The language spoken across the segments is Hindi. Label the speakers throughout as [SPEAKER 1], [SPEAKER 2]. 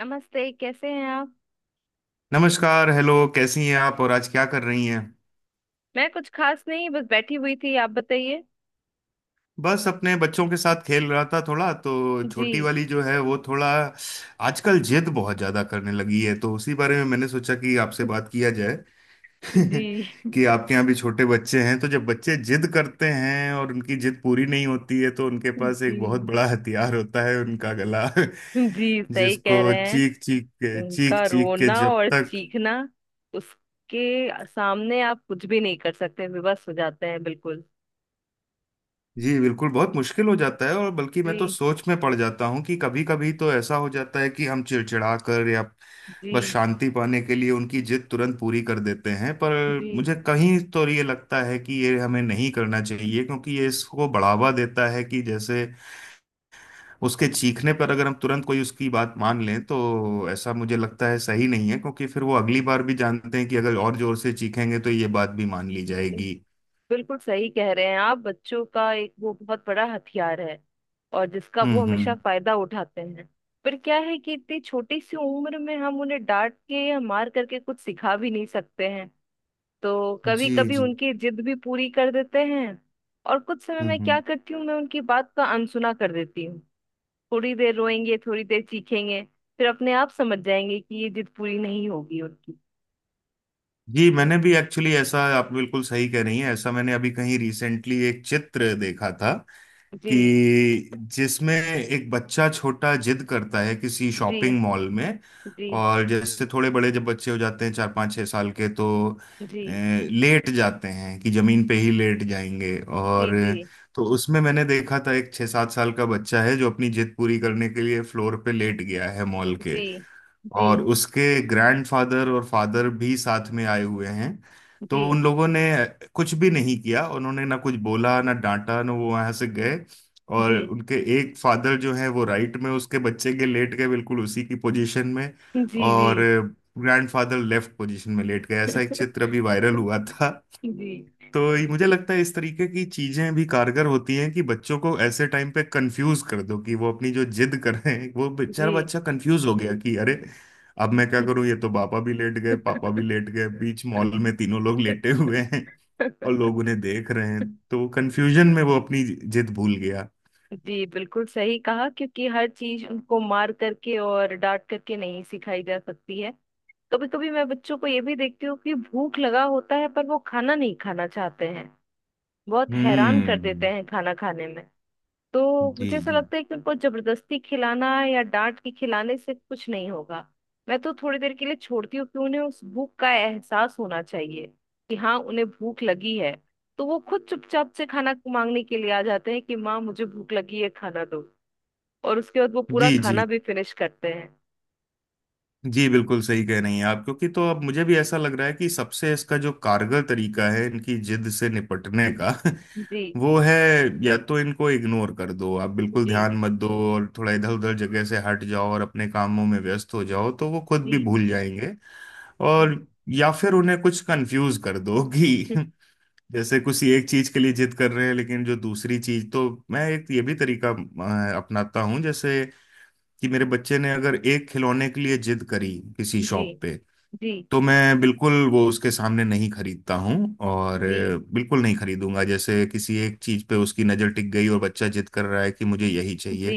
[SPEAKER 1] नमस्ते। कैसे हैं आप।
[SPEAKER 2] नमस्कार। हेलो, कैसी हैं आप? और आज क्या कर रही हैं?
[SPEAKER 1] मैं कुछ खास नहीं, बस बैठी हुई थी। आप बताइए।
[SPEAKER 2] बस अपने बच्चों के साथ खेल रहा था थोड़ा। तो
[SPEAKER 1] जी।
[SPEAKER 2] छोटी वाली जो है वो थोड़ा आजकल जिद बहुत ज्यादा करने लगी है, तो उसी बारे में मैंने सोचा कि आपसे बात किया जाए।
[SPEAKER 1] जी।
[SPEAKER 2] कि आपके यहाँ भी छोटे बच्चे हैं, तो जब बच्चे जिद करते हैं और उनकी जिद पूरी नहीं होती है तो उनके पास एक बहुत
[SPEAKER 1] जी।
[SPEAKER 2] बड़ा हथियार होता है, उनका गला।
[SPEAKER 1] जी, सही कह
[SPEAKER 2] जिसको
[SPEAKER 1] रहे हैं।
[SPEAKER 2] चीख चीख के, चीख
[SPEAKER 1] उनका
[SPEAKER 2] चीख के
[SPEAKER 1] रोना
[SPEAKER 2] जब
[SPEAKER 1] और
[SPEAKER 2] तक।
[SPEAKER 1] चीखना, उसके सामने आप कुछ भी नहीं कर सकते, विवश हो जाते हैं बिल्कुल।
[SPEAKER 2] जी बिल्कुल, बहुत मुश्किल हो जाता है। और बल्कि मैं तो
[SPEAKER 1] जी।
[SPEAKER 2] सोच में पड़ जाता हूँ कि कभी कभी तो ऐसा हो जाता है कि हम चिड़चिड़ा कर या बस
[SPEAKER 1] जी।
[SPEAKER 2] शांति पाने के लिए उनकी जिद तुरंत पूरी कर देते हैं। पर
[SPEAKER 1] जी,
[SPEAKER 2] मुझे कहीं तो ये लगता है कि ये हमें नहीं करना चाहिए क्योंकि ये इसको बढ़ावा देता है। कि जैसे उसके चीखने पर अगर हम तुरंत कोई उसकी बात मान लें, तो ऐसा मुझे लगता है सही नहीं है, क्योंकि फिर वो अगली बार भी जानते हैं कि अगर और जोर से चीखेंगे तो ये बात भी मान ली जाएगी।
[SPEAKER 1] बिल्कुल सही कह रहे हैं आप। बच्चों का एक वो बहुत बड़ा हथियार है, और जिसका वो हमेशा
[SPEAKER 2] हम्म।
[SPEAKER 1] फायदा उठाते हैं। पर क्या है कि इतनी छोटी सी उम्र में हम उन्हें डांट के या मार करके कुछ सिखा भी नहीं सकते हैं, तो कभी
[SPEAKER 2] जी
[SPEAKER 1] कभी
[SPEAKER 2] जी।
[SPEAKER 1] उनकी जिद भी पूरी कर देते हैं। और कुछ समय मैं क्या
[SPEAKER 2] हम्म।
[SPEAKER 1] करती हूँ, मैं उनकी बात का अनसुना कर देती हूँ। थोड़ी देर रोएंगे, थोड़ी देर चीखेंगे, फिर अपने आप समझ जाएंगे कि ये जिद पूरी नहीं होगी उनकी।
[SPEAKER 2] जी मैंने भी एक्चुअली ऐसा, आप बिल्कुल सही कह रही हैं। ऐसा मैंने अभी कहीं रिसेंटली एक चित्र देखा था कि
[SPEAKER 1] जी।
[SPEAKER 2] जिसमें एक बच्चा छोटा जिद करता है किसी शॉपिंग
[SPEAKER 1] जी।
[SPEAKER 2] मॉल में।
[SPEAKER 1] जी।
[SPEAKER 2] और जैसे थोड़े बड़े जब बच्चे हो जाते हैं, 4-5-6 साल के, तो
[SPEAKER 1] जी।
[SPEAKER 2] लेट जाते हैं कि जमीन पे ही लेट जाएंगे। और
[SPEAKER 1] जी। जी।
[SPEAKER 2] तो उसमें मैंने देखा था एक 6-7 साल का बच्चा है, जो अपनी जिद पूरी करने के लिए फ्लोर पे लेट गया है मॉल के।
[SPEAKER 1] जी। जी।
[SPEAKER 2] और उसके ग्रैंडफादर और फादर भी साथ में आए हुए हैं। तो
[SPEAKER 1] जी।
[SPEAKER 2] उन लोगों ने कुछ भी नहीं किया, उन्होंने ना कुछ बोला, ना डांटा, ना वो वहां से गए। और
[SPEAKER 1] जी।
[SPEAKER 2] उनके एक फादर जो है वो राइट में उसके बच्चे के लेट गए, बिल्कुल उसी की पोजीशन में।
[SPEAKER 1] जी। जी।
[SPEAKER 2] और ग्रैंडफादर लेफ्ट पोजीशन में लेट गए। ऐसा एक चित्र अभी वायरल हुआ था।
[SPEAKER 1] जी।
[SPEAKER 2] तो मुझे लगता है इस तरीके की चीजें भी कारगर होती हैं कि बच्चों को ऐसे टाइम पे कंफ्यूज कर दो, कि वो अपनी जो जिद कर रहे हैं, वो बेचारा
[SPEAKER 1] जी।
[SPEAKER 2] बच्चा कंफ्यूज हो गया कि अरे अब मैं क्या करूं, ये तो पापा भी लेट गए, पापा भी लेट गए, बीच मॉल में तीनों लोग लेटे हुए हैं और लोग उन्हें देख रहे हैं। तो कंफ्यूजन में वो अपनी जिद भूल गया।
[SPEAKER 1] जी, बिल्कुल सही कहा क्योंकि हर चीज उनको मार करके और डांट करके नहीं सिखाई जा सकती है। कभी कभी मैं बच्चों को ये भी देखती हूँ कि भूख लगा होता है पर वो खाना नहीं खाना चाहते हैं। बहुत हैरान कर देते
[SPEAKER 2] हम्म।
[SPEAKER 1] हैं खाना खाने में। तो
[SPEAKER 2] जी
[SPEAKER 1] मुझे ऐसा
[SPEAKER 2] जी।
[SPEAKER 1] लगता है कि उनको जबरदस्ती खिलाना या डांट के खिलाने से कुछ नहीं होगा। मैं तो थोड़ी देर के लिए छोड़ती हूँ कि उन्हें उस भूख का एहसास होना चाहिए, कि हाँ, उन्हें भूख लगी है। तो वो खुद चुपचाप से खाना मांगने के लिए आ जाते हैं कि माँ, मुझे भूख लगी है, खाना दो। और उसके बाद वो पूरा
[SPEAKER 2] जी
[SPEAKER 1] खाना
[SPEAKER 2] जी।
[SPEAKER 1] भी फिनिश करते हैं।
[SPEAKER 2] जी बिल्कुल सही कह रही हैं आप। क्योंकि तो अब मुझे भी ऐसा लग रहा है कि सबसे इसका जो कारगर तरीका है इनकी जिद से निपटने का,
[SPEAKER 1] जी।
[SPEAKER 2] वो है या तो इनको इग्नोर कर दो, आप बिल्कुल
[SPEAKER 1] जी।
[SPEAKER 2] ध्यान मत दो और थोड़ा इधर उधर जगह से हट जाओ और अपने कामों में व्यस्त हो जाओ, तो वो खुद भी
[SPEAKER 1] जी।
[SPEAKER 2] भूल जाएंगे।
[SPEAKER 1] जी।
[SPEAKER 2] और या फिर उन्हें कुछ कंफ्यूज कर दो कि
[SPEAKER 1] हम्म।
[SPEAKER 2] जैसे कुछ एक चीज के लिए जिद कर रहे हैं लेकिन जो दूसरी चीज। तो मैं एक ये भी तरीका अपनाता हूँ। जैसे कि मेरे बच्चे ने अगर एक खिलौने के लिए जिद करी किसी
[SPEAKER 1] जी।
[SPEAKER 2] शॉप पे,
[SPEAKER 1] जी।
[SPEAKER 2] तो मैं बिल्कुल वो उसके सामने नहीं खरीदता हूँ। और
[SPEAKER 1] जी।
[SPEAKER 2] बिल्कुल नहीं खरीदूंगा। जैसे किसी एक चीज पे उसकी नजर टिक गई और बच्चा जिद कर रहा है कि मुझे यही चाहिए,
[SPEAKER 1] जी।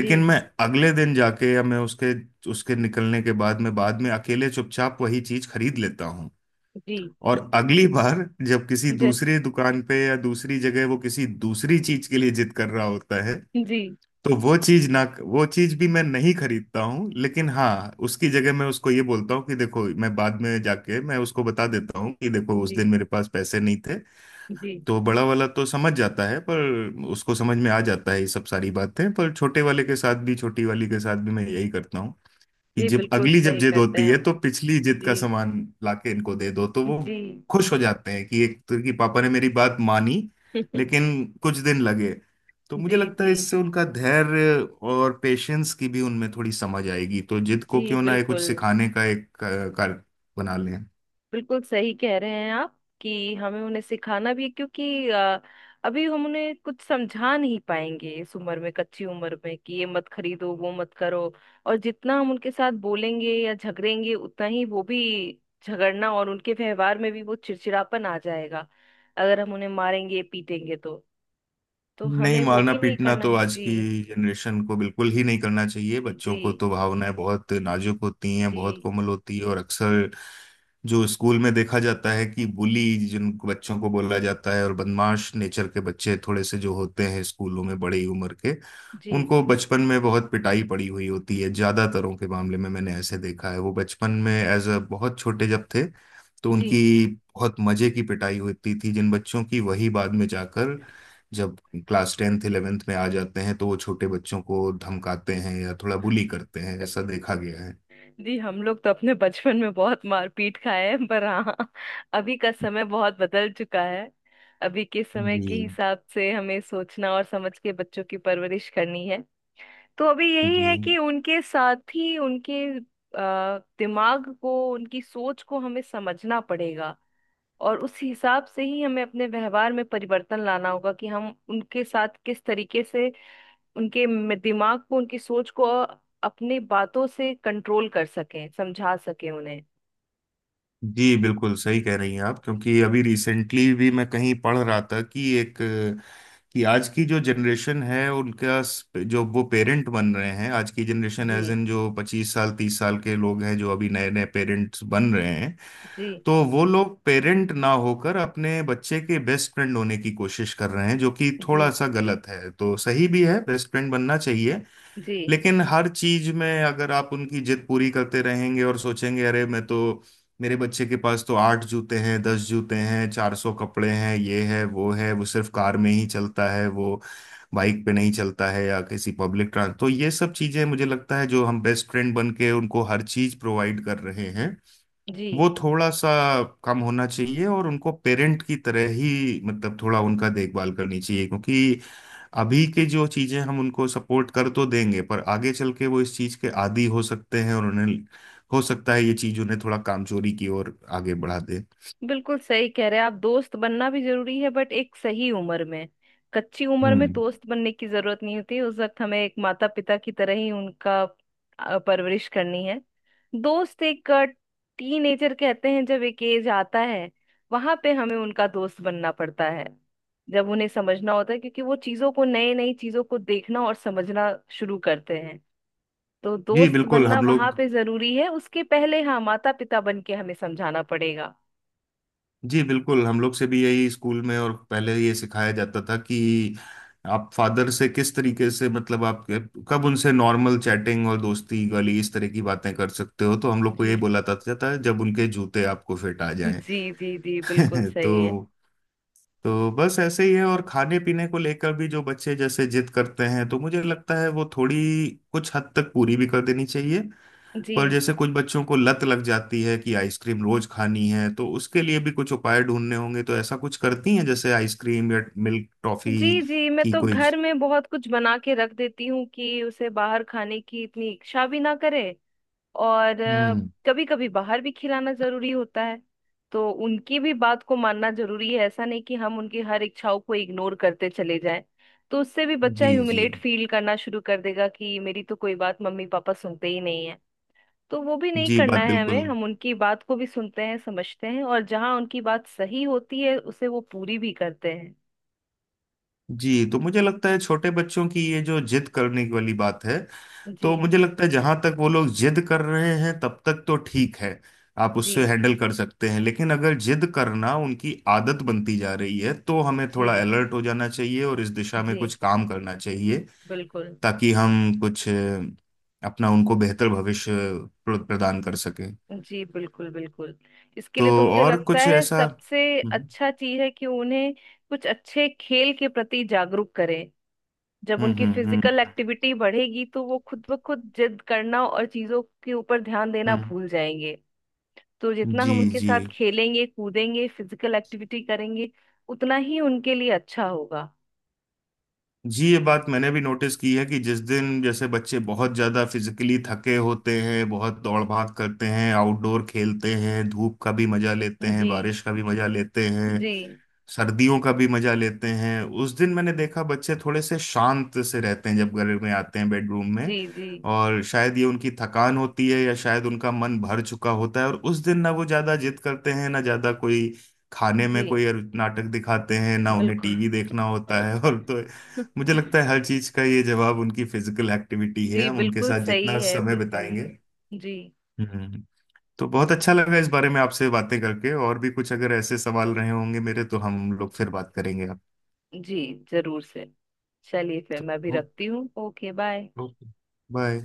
[SPEAKER 1] जी।
[SPEAKER 2] मैं अगले दिन जाके या मैं उसके उसके निकलने के बाद मैं बाद में अकेले चुपचाप वही चीज खरीद लेता हूँ।
[SPEAKER 1] जी।
[SPEAKER 2] और अगली बार जब किसी
[SPEAKER 1] जी।
[SPEAKER 2] दूसरी दुकान पे या दूसरी जगह वो किसी दूसरी चीज के लिए जिद कर रहा होता है,
[SPEAKER 1] जी।
[SPEAKER 2] तो वो चीज ना, वो चीज भी मैं नहीं खरीदता हूँ, लेकिन हाँ उसकी जगह मैं उसको ये बोलता हूँ कि देखो मैं बाद में जाके मैं उसको बता देता हूँ कि देखो, उस
[SPEAKER 1] जी।
[SPEAKER 2] दिन मेरे पास पैसे नहीं थे।
[SPEAKER 1] जी।
[SPEAKER 2] तो बड़ा वाला तो समझ जाता है, पर उसको समझ में आ जाता है ये सब सारी बातें। पर छोटे वाले के साथ भी, छोटी वाली के साथ भी मैं यही करता हूँ कि
[SPEAKER 1] जी,
[SPEAKER 2] जब
[SPEAKER 1] बिल्कुल
[SPEAKER 2] अगली जब
[SPEAKER 1] सही
[SPEAKER 2] जिद
[SPEAKER 1] करते
[SPEAKER 2] होती
[SPEAKER 1] हैं
[SPEAKER 2] है
[SPEAKER 1] आप।
[SPEAKER 2] तो पिछली जिद का
[SPEAKER 1] जी।
[SPEAKER 2] सामान लाके इनको दे दो, तो वो
[SPEAKER 1] जी।
[SPEAKER 2] खुश हो जाते हैं कि एक तो कि पापा ने मेरी बात मानी। लेकिन कुछ दिन लगे। तो मुझे
[SPEAKER 1] जी।
[SPEAKER 2] लगता
[SPEAKER 1] जी।
[SPEAKER 2] है इससे उनका धैर्य और पेशेंस की भी उनमें थोड़ी समझ आएगी। तो जिद को
[SPEAKER 1] जी,
[SPEAKER 2] क्यों ना ये कुछ
[SPEAKER 1] बिल्कुल
[SPEAKER 2] सिखाने का एक कार्य बना लें।
[SPEAKER 1] बिल्कुल सही कह रहे हैं आप कि हमें उन्हें सिखाना भी है, क्योंकि अभी हम उन्हें कुछ समझा नहीं पाएंगे इस उम्र में, कच्ची उम्र में, कि ये मत खरीदो वो मत करो। और जितना हम उनके साथ बोलेंगे या झगड़ेंगे, उतना ही वो भी झगड़ना, और उनके व्यवहार में भी वो चिड़चिड़ापन आ जाएगा। अगर हम उन्हें मारेंगे पीटेंगे, तो
[SPEAKER 2] नहीं,
[SPEAKER 1] हमें वो
[SPEAKER 2] मारना
[SPEAKER 1] भी नहीं
[SPEAKER 2] पीटना
[SPEAKER 1] करना
[SPEAKER 2] तो
[SPEAKER 1] है।
[SPEAKER 2] आज की
[SPEAKER 1] जी।
[SPEAKER 2] जनरेशन को बिल्कुल ही नहीं करना चाहिए। बच्चों
[SPEAKER 1] जी।
[SPEAKER 2] को तो भावनाएं बहुत नाजुक होती हैं,
[SPEAKER 1] जी।
[SPEAKER 2] बहुत कोमल होती है। और अक्सर जो स्कूल में देखा जाता है कि बुली जिन बच्चों को बोला जाता है और बदमाश नेचर के बच्चे थोड़े से जो होते हैं स्कूलों में, बड़ी उम्र के,
[SPEAKER 1] जी।
[SPEAKER 2] उनको बचपन में बहुत पिटाई पड़ी हुई होती है ज्यादातरों के मामले में। मैंने ऐसे देखा है, वो बचपन में एज अ बहुत छोटे जब थे तो
[SPEAKER 1] जी।
[SPEAKER 2] उनकी बहुत मजे की पिटाई होती थी जिन बच्चों की, वही बाद में जाकर जब क्लास 10th 11th में आ जाते हैं तो वो छोटे बच्चों को धमकाते हैं या थोड़ा बुली करते हैं, ऐसा देखा गया है।
[SPEAKER 1] जी। हम लोग तो अपने बचपन में बहुत मारपीट खाए हैं, पर हाँ, अभी का समय बहुत बदल चुका है। अभी के समय
[SPEAKER 2] जी
[SPEAKER 1] के हिसाब से हमें सोचना और समझ के बच्चों की परवरिश करनी है। तो अभी यही
[SPEAKER 2] जी।
[SPEAKER 1] है कि उनके साथ ही उनके दिमाग को, उनकी सोच को हमें समझना पड़ेगा। और उस हिसाब से ही हमें अपने व्यवहार में परिवर्तन लाना होगा कि हम उनके साथ किस तरीके से उनके दिमाग को, उनकी सोच को अपनी बातों से कंट्रोल कर सकें, समझा सकें उन्हें।
[SPEAKER 2] जी बिल्कुल सही कह रही हैं आप। क्योंकि अभी रिसेंटली भी मैं कहीं पढ़ रहा था कि एक कि आज की जो जनरेशन है उनका जो वो पेरेंट बन रहे हैं आज की जनरेशन,
[SPEAKER 1] जी।
[SPEAKER 2] एज इन जो 25 साल 30 साल के लोग हैं जो अभी नए नए पेरेंट्स बन रहे हैं,
[SPEAKER 1] जी।
[SPEAKER 2] तो वो लोग पेरेंट ना होकर अपने बच्चे के बेस्ट फ्रेंड होने की कोशिश कर रहे हैं, जो कि
[SPEAKER 1] जी।
[SPEAKER 2] थोड़ा सा गलत है। तो सही भी है, बेस्ट फ्रेंड बनना चाहिए,
[SPEAKER 1] जी।
[SPEAKER 2] लेकिन हर चीज में अगर आप उनकी जिद पूरी करते रहेंगे और सोचेंगे अरे मैं तो मेरे बच्चे के पास तो 8 जूते हैं, 10 जूते हैं, 400 कपड़े हैं, ये है वो है, वो सिर्फ कार में ही चलता है, वो बाइक पे नहीं चलता है या किसी पब्लिक ट्रांस, तो ये सब चीजें मुझे लगता है जो हम बेस्ट फ्रेंड बन के उनको हर चीज प्रोवाइड कर रहे हैं
[SPEAKER 1] जी,
[SPEAKER 2] वो थोड़ा सा कम होना चाहिए। और उनको पेरेंट की तरह ही मतलब थोड़ा उनका देखभाल करनी चाहिए। क्योंकि अभी के जो चीजें हम उनको सपोर्ट कर तो देंगे पर आगे चल के वो इस चीज के आदी हो सकते हैं और उन्हें हो सकता है ये चीज उन्हें थोड़ा कामचोरी की ओर आगे बढ़ा दे।
[SPEAKER 1] बिल्कुल सही कह रहे हैं आप। दोस्त बनना भी जरूरी है, बट एक सही उम्र में। कच्ची उम्र में
[SPEAKER 2] हम्म।
[SPEAKER 1] दोस्त बनने की जरूरत नहीं होती, उस वक्त हमें एक माता पिता की तरह ही उनका परवरिश करनी है। दोस्त एक टीनेजर कहते हैं, जब एक एज आता है, वहां पे हमें उनका दोस्त बनना पड़ता है। जब उन्हें समझना होता है, क्योंकि वो चीजों को, नई नई चीजों को देखना और समझना शुरू करते हैं। तो
[SPEAKER 2] जी
[SPEAKER 1] दोस्त
[SPEAKER 2] बिल्कुल
[SPEAKER 1] बनना
[SPEAKER 2] हम
[SPEAKER 1] वहां
[SPEAKER 2] लोग
[SPEAKER 1] पे जरूरी है, उसके पहले हाँ माता पिता बन के हमें समझाना पड़ेगा।
[SPEAKER 2] जी बिल्कुल हम लोग से भी यही स्कूल में और पहले ये सिखाया जाता था कि आप फादर से किस तरीके से मतलब आप कब उनसे नॉर्मल चैटिंग और दोस्ती वाली इस तरह की बातें कर सकते हो, तो हम लोग को
[SPEAKER 1] जी।
[SPEAKER 2] ये बोला जाता था जब उनके जूते आपको फिट आ जाएं।
[SPEAKER 1] जी। जी। जी, बिल्कुल
[SPEAKER 2] तो
[SPEAKER 1] सही है।
[SPEAKER 2] तो बस ऐसे ही है। और खाने पीने को लेकर भी जो बच्चे जैसे जिद करते हैं तो मुझे लगता है वो थोड़ी कुछ हद तक पूरी भी कर देनी चाहिए। पर जैसे
[SPEAKER 1] जी।
[SPEAKER 2] कुछ बच्चों को लत लग जाती है कि आइसक्रीम रोज खानी है, तो उसके लिए भी कुछ उपाय ढूंढने होंगे। तो ऐसा कुछ करती हैं जैसे आइसक्रीम या मिल्क टॉफी
[SPEAKER 1] जी। जी। मैं
[SPEAKER 2] की
[SPEAKER 1] तो
[SPEAKER 2] कोई।
[SPEAKER 1] घर में बहुत कुछ बना के रख देती हूँ कि उसे बाहर खाने की इतनी इच्छा भी ना करे। और
[SPEAKER 2] हम्म।
[SPEAKER 1] कभी कभी बाहर भी खिलाना जरूरी होता है, तो उनकी भी बात को मानना जरूरी है, ऐसा नहीं कि हम उनकी हर इच्छाओं को इग्नोर करते चले जाएं। तो उससे भी बच्चा
[SPEAKER 2] जी जी।
[SPEAKER 1] ह्यूमिलेट फील करना शुरू कर देगा कि मेरी तो कोई बात मम्मी पापा सुनते ही नहीं है। तो वो भी नहीं
[SPEAKER 2] जी
[SPEAKER 1] करना
[SPEAKER 2] बात
[SPEAKER 1] है
[SPEAKER 2] बिल्कुल।
[SPEAKER 1] हमें, हम उनकी बात को भी सुनते हैं, समझते हैं, और जहां उनकी बात सही होती है उसे वो पूरी भी करते हैं।
[SPEAKER 2] जी तो मुझे लगता है छोटे बच्चों की ये जो जिद करने की वाली बात है,
[SPEAKER 1] जी।
[SPEAKER 2] तो मुझे लगता है जहां तक वो लोग जिद कर रहे हैं तब तक तो ठीक है, आप
[SPEAKER 1] जी।
[SPEAKER 2] उससे हैंडल कर सकते हैं, लेकिन अगर जिद करना उनकी आदत बनती जा रही है तो हमें थोड़ा
[SPEAKER 1] जी।
[SPEAKER 2] अलर्ट हो जाना चाहिए और इस दिशा में
[SPEAKER 1] जी,
[SPEAKER 2] कुछ काम करना चाहिए
[SPEAKER 1] बिल्कुल।
[SPEAKER 2] ताकि हम कुछ अपना उनको बेहतर भविष्य प्रदान कर सकें।
[SPEAKER 1] जी, बिल्कुल बिल्कुल। इसके
[SPEAKER 2] तो
[SPEAKER 1] लिए तो मुझे
[SPEAKER 2] और
[SPEAKER 1] लगता
[SPEAKER 2] कुछ
[SPEAKER 1] है
[SPEAKER 2] ऐसा
[SPEAKER 1] सबसे
[SPEAKER 2] हम्म
[SPEAKER 1] अच्छा चीज है कि उन्हें कुछ अच्छे खेल के प्रति जागरूक करें। जब
[SPEAKER 2] हम्म
[SPEAKER 1] उनकी
[SPEAKER 2] हम्म हम्म
[SPEAKER 1] फिजिकल एक्टिविटी बढ़ेगी, तो वो खुद ब खुद जिद करना और चीजों के ऊपर ध्यान देना
[SPEAKER 2] हम्म,
[SPEAKER 1] भूल जाएंगे। तो जितना
[SPEAKER 2] जी
[SPEAKER 1] हम उनके
[SPEAKER 2] जी
[SPEAKER 1] साथ खेलेंगे, कूदेंगे, फिजिकल एक्टिविटी करेंगे, उतना ही उनके लिए अच्छा होगा।
[SPEAKER 2] जी ये बात मैंने भी नोटिस की है कि जिस दिन जैसे बच्चे बहुत ज़्यादा फिजिकली थके होते हैं, बहुत दौड़ भाग करते हैं, आउटडोर खेलते हैं, धूप का भी मजा लेते हैं,
[SPEAKER 1] जी।
[SPEAKER 2] बारिश का भी मजा लेते हैं,
[SPEAKER 1] जी।
[SPEAKER 2] सर्दियों का भी मजा लेते हैं, उस दिन मैंने देखा बच्चे थोड़े से शांत से रहते हैं जब घर में आते हैं बेडरूम में।
[SPEAKER 1] जी। जी।
[SPEAKER 2] और शायद ये उनकी थकान होती है या शायद उनका मन भर चुका होता है और उस दिन ना वो ज्यादा जिद करते हैं, ना ज्यादा कोई खाने
[SPEAKER 1] जी,
[SPEAKER 2] में कोई नाटक दिखाते हैं, ना उन्हें
[SPEAKER 1] बिल्कुल।
[SPEAKER 2] टीवी देखना होता है। और तो मुझे लगता है हर चीज का ये जवाब उनकी फिजिकल एक्टिविटी है,
[SPEAKER 1] जी,
[SPEAKER 2] हम उनके
[SPEAKER 1] बिल्कुल
[SPEAKER 2] साथ
[SPEAKER 1] सही
[SPEAKER 2] जितना
[SPEAKER 1] है,
[SPEAKER 2] समय
[SPEAKER 1] बिल्कुल।
[SPEAKER 2] बिताएंगे।
[SPEAKER 1] जी।
[SPEAKER 2] हम्म। तो बहुत अच्छा लगा इस बारे में आपसे बातें करके, और भी कुछ अगर ऐसे सवाल रहे होंगे मेरे तो हम लोग फिर बात करेंगे आप।
[SPEAKER 1] जी जरूर से। चलिए, फिर
[SPEAKER 2] तो
[SPEAKER 1] मैं भी
[SPEAKER 2] ओके।
[SPEAKER 1] रखती हूँ। ओके। बाय।
[SPEAKER 2] ओके। बाय।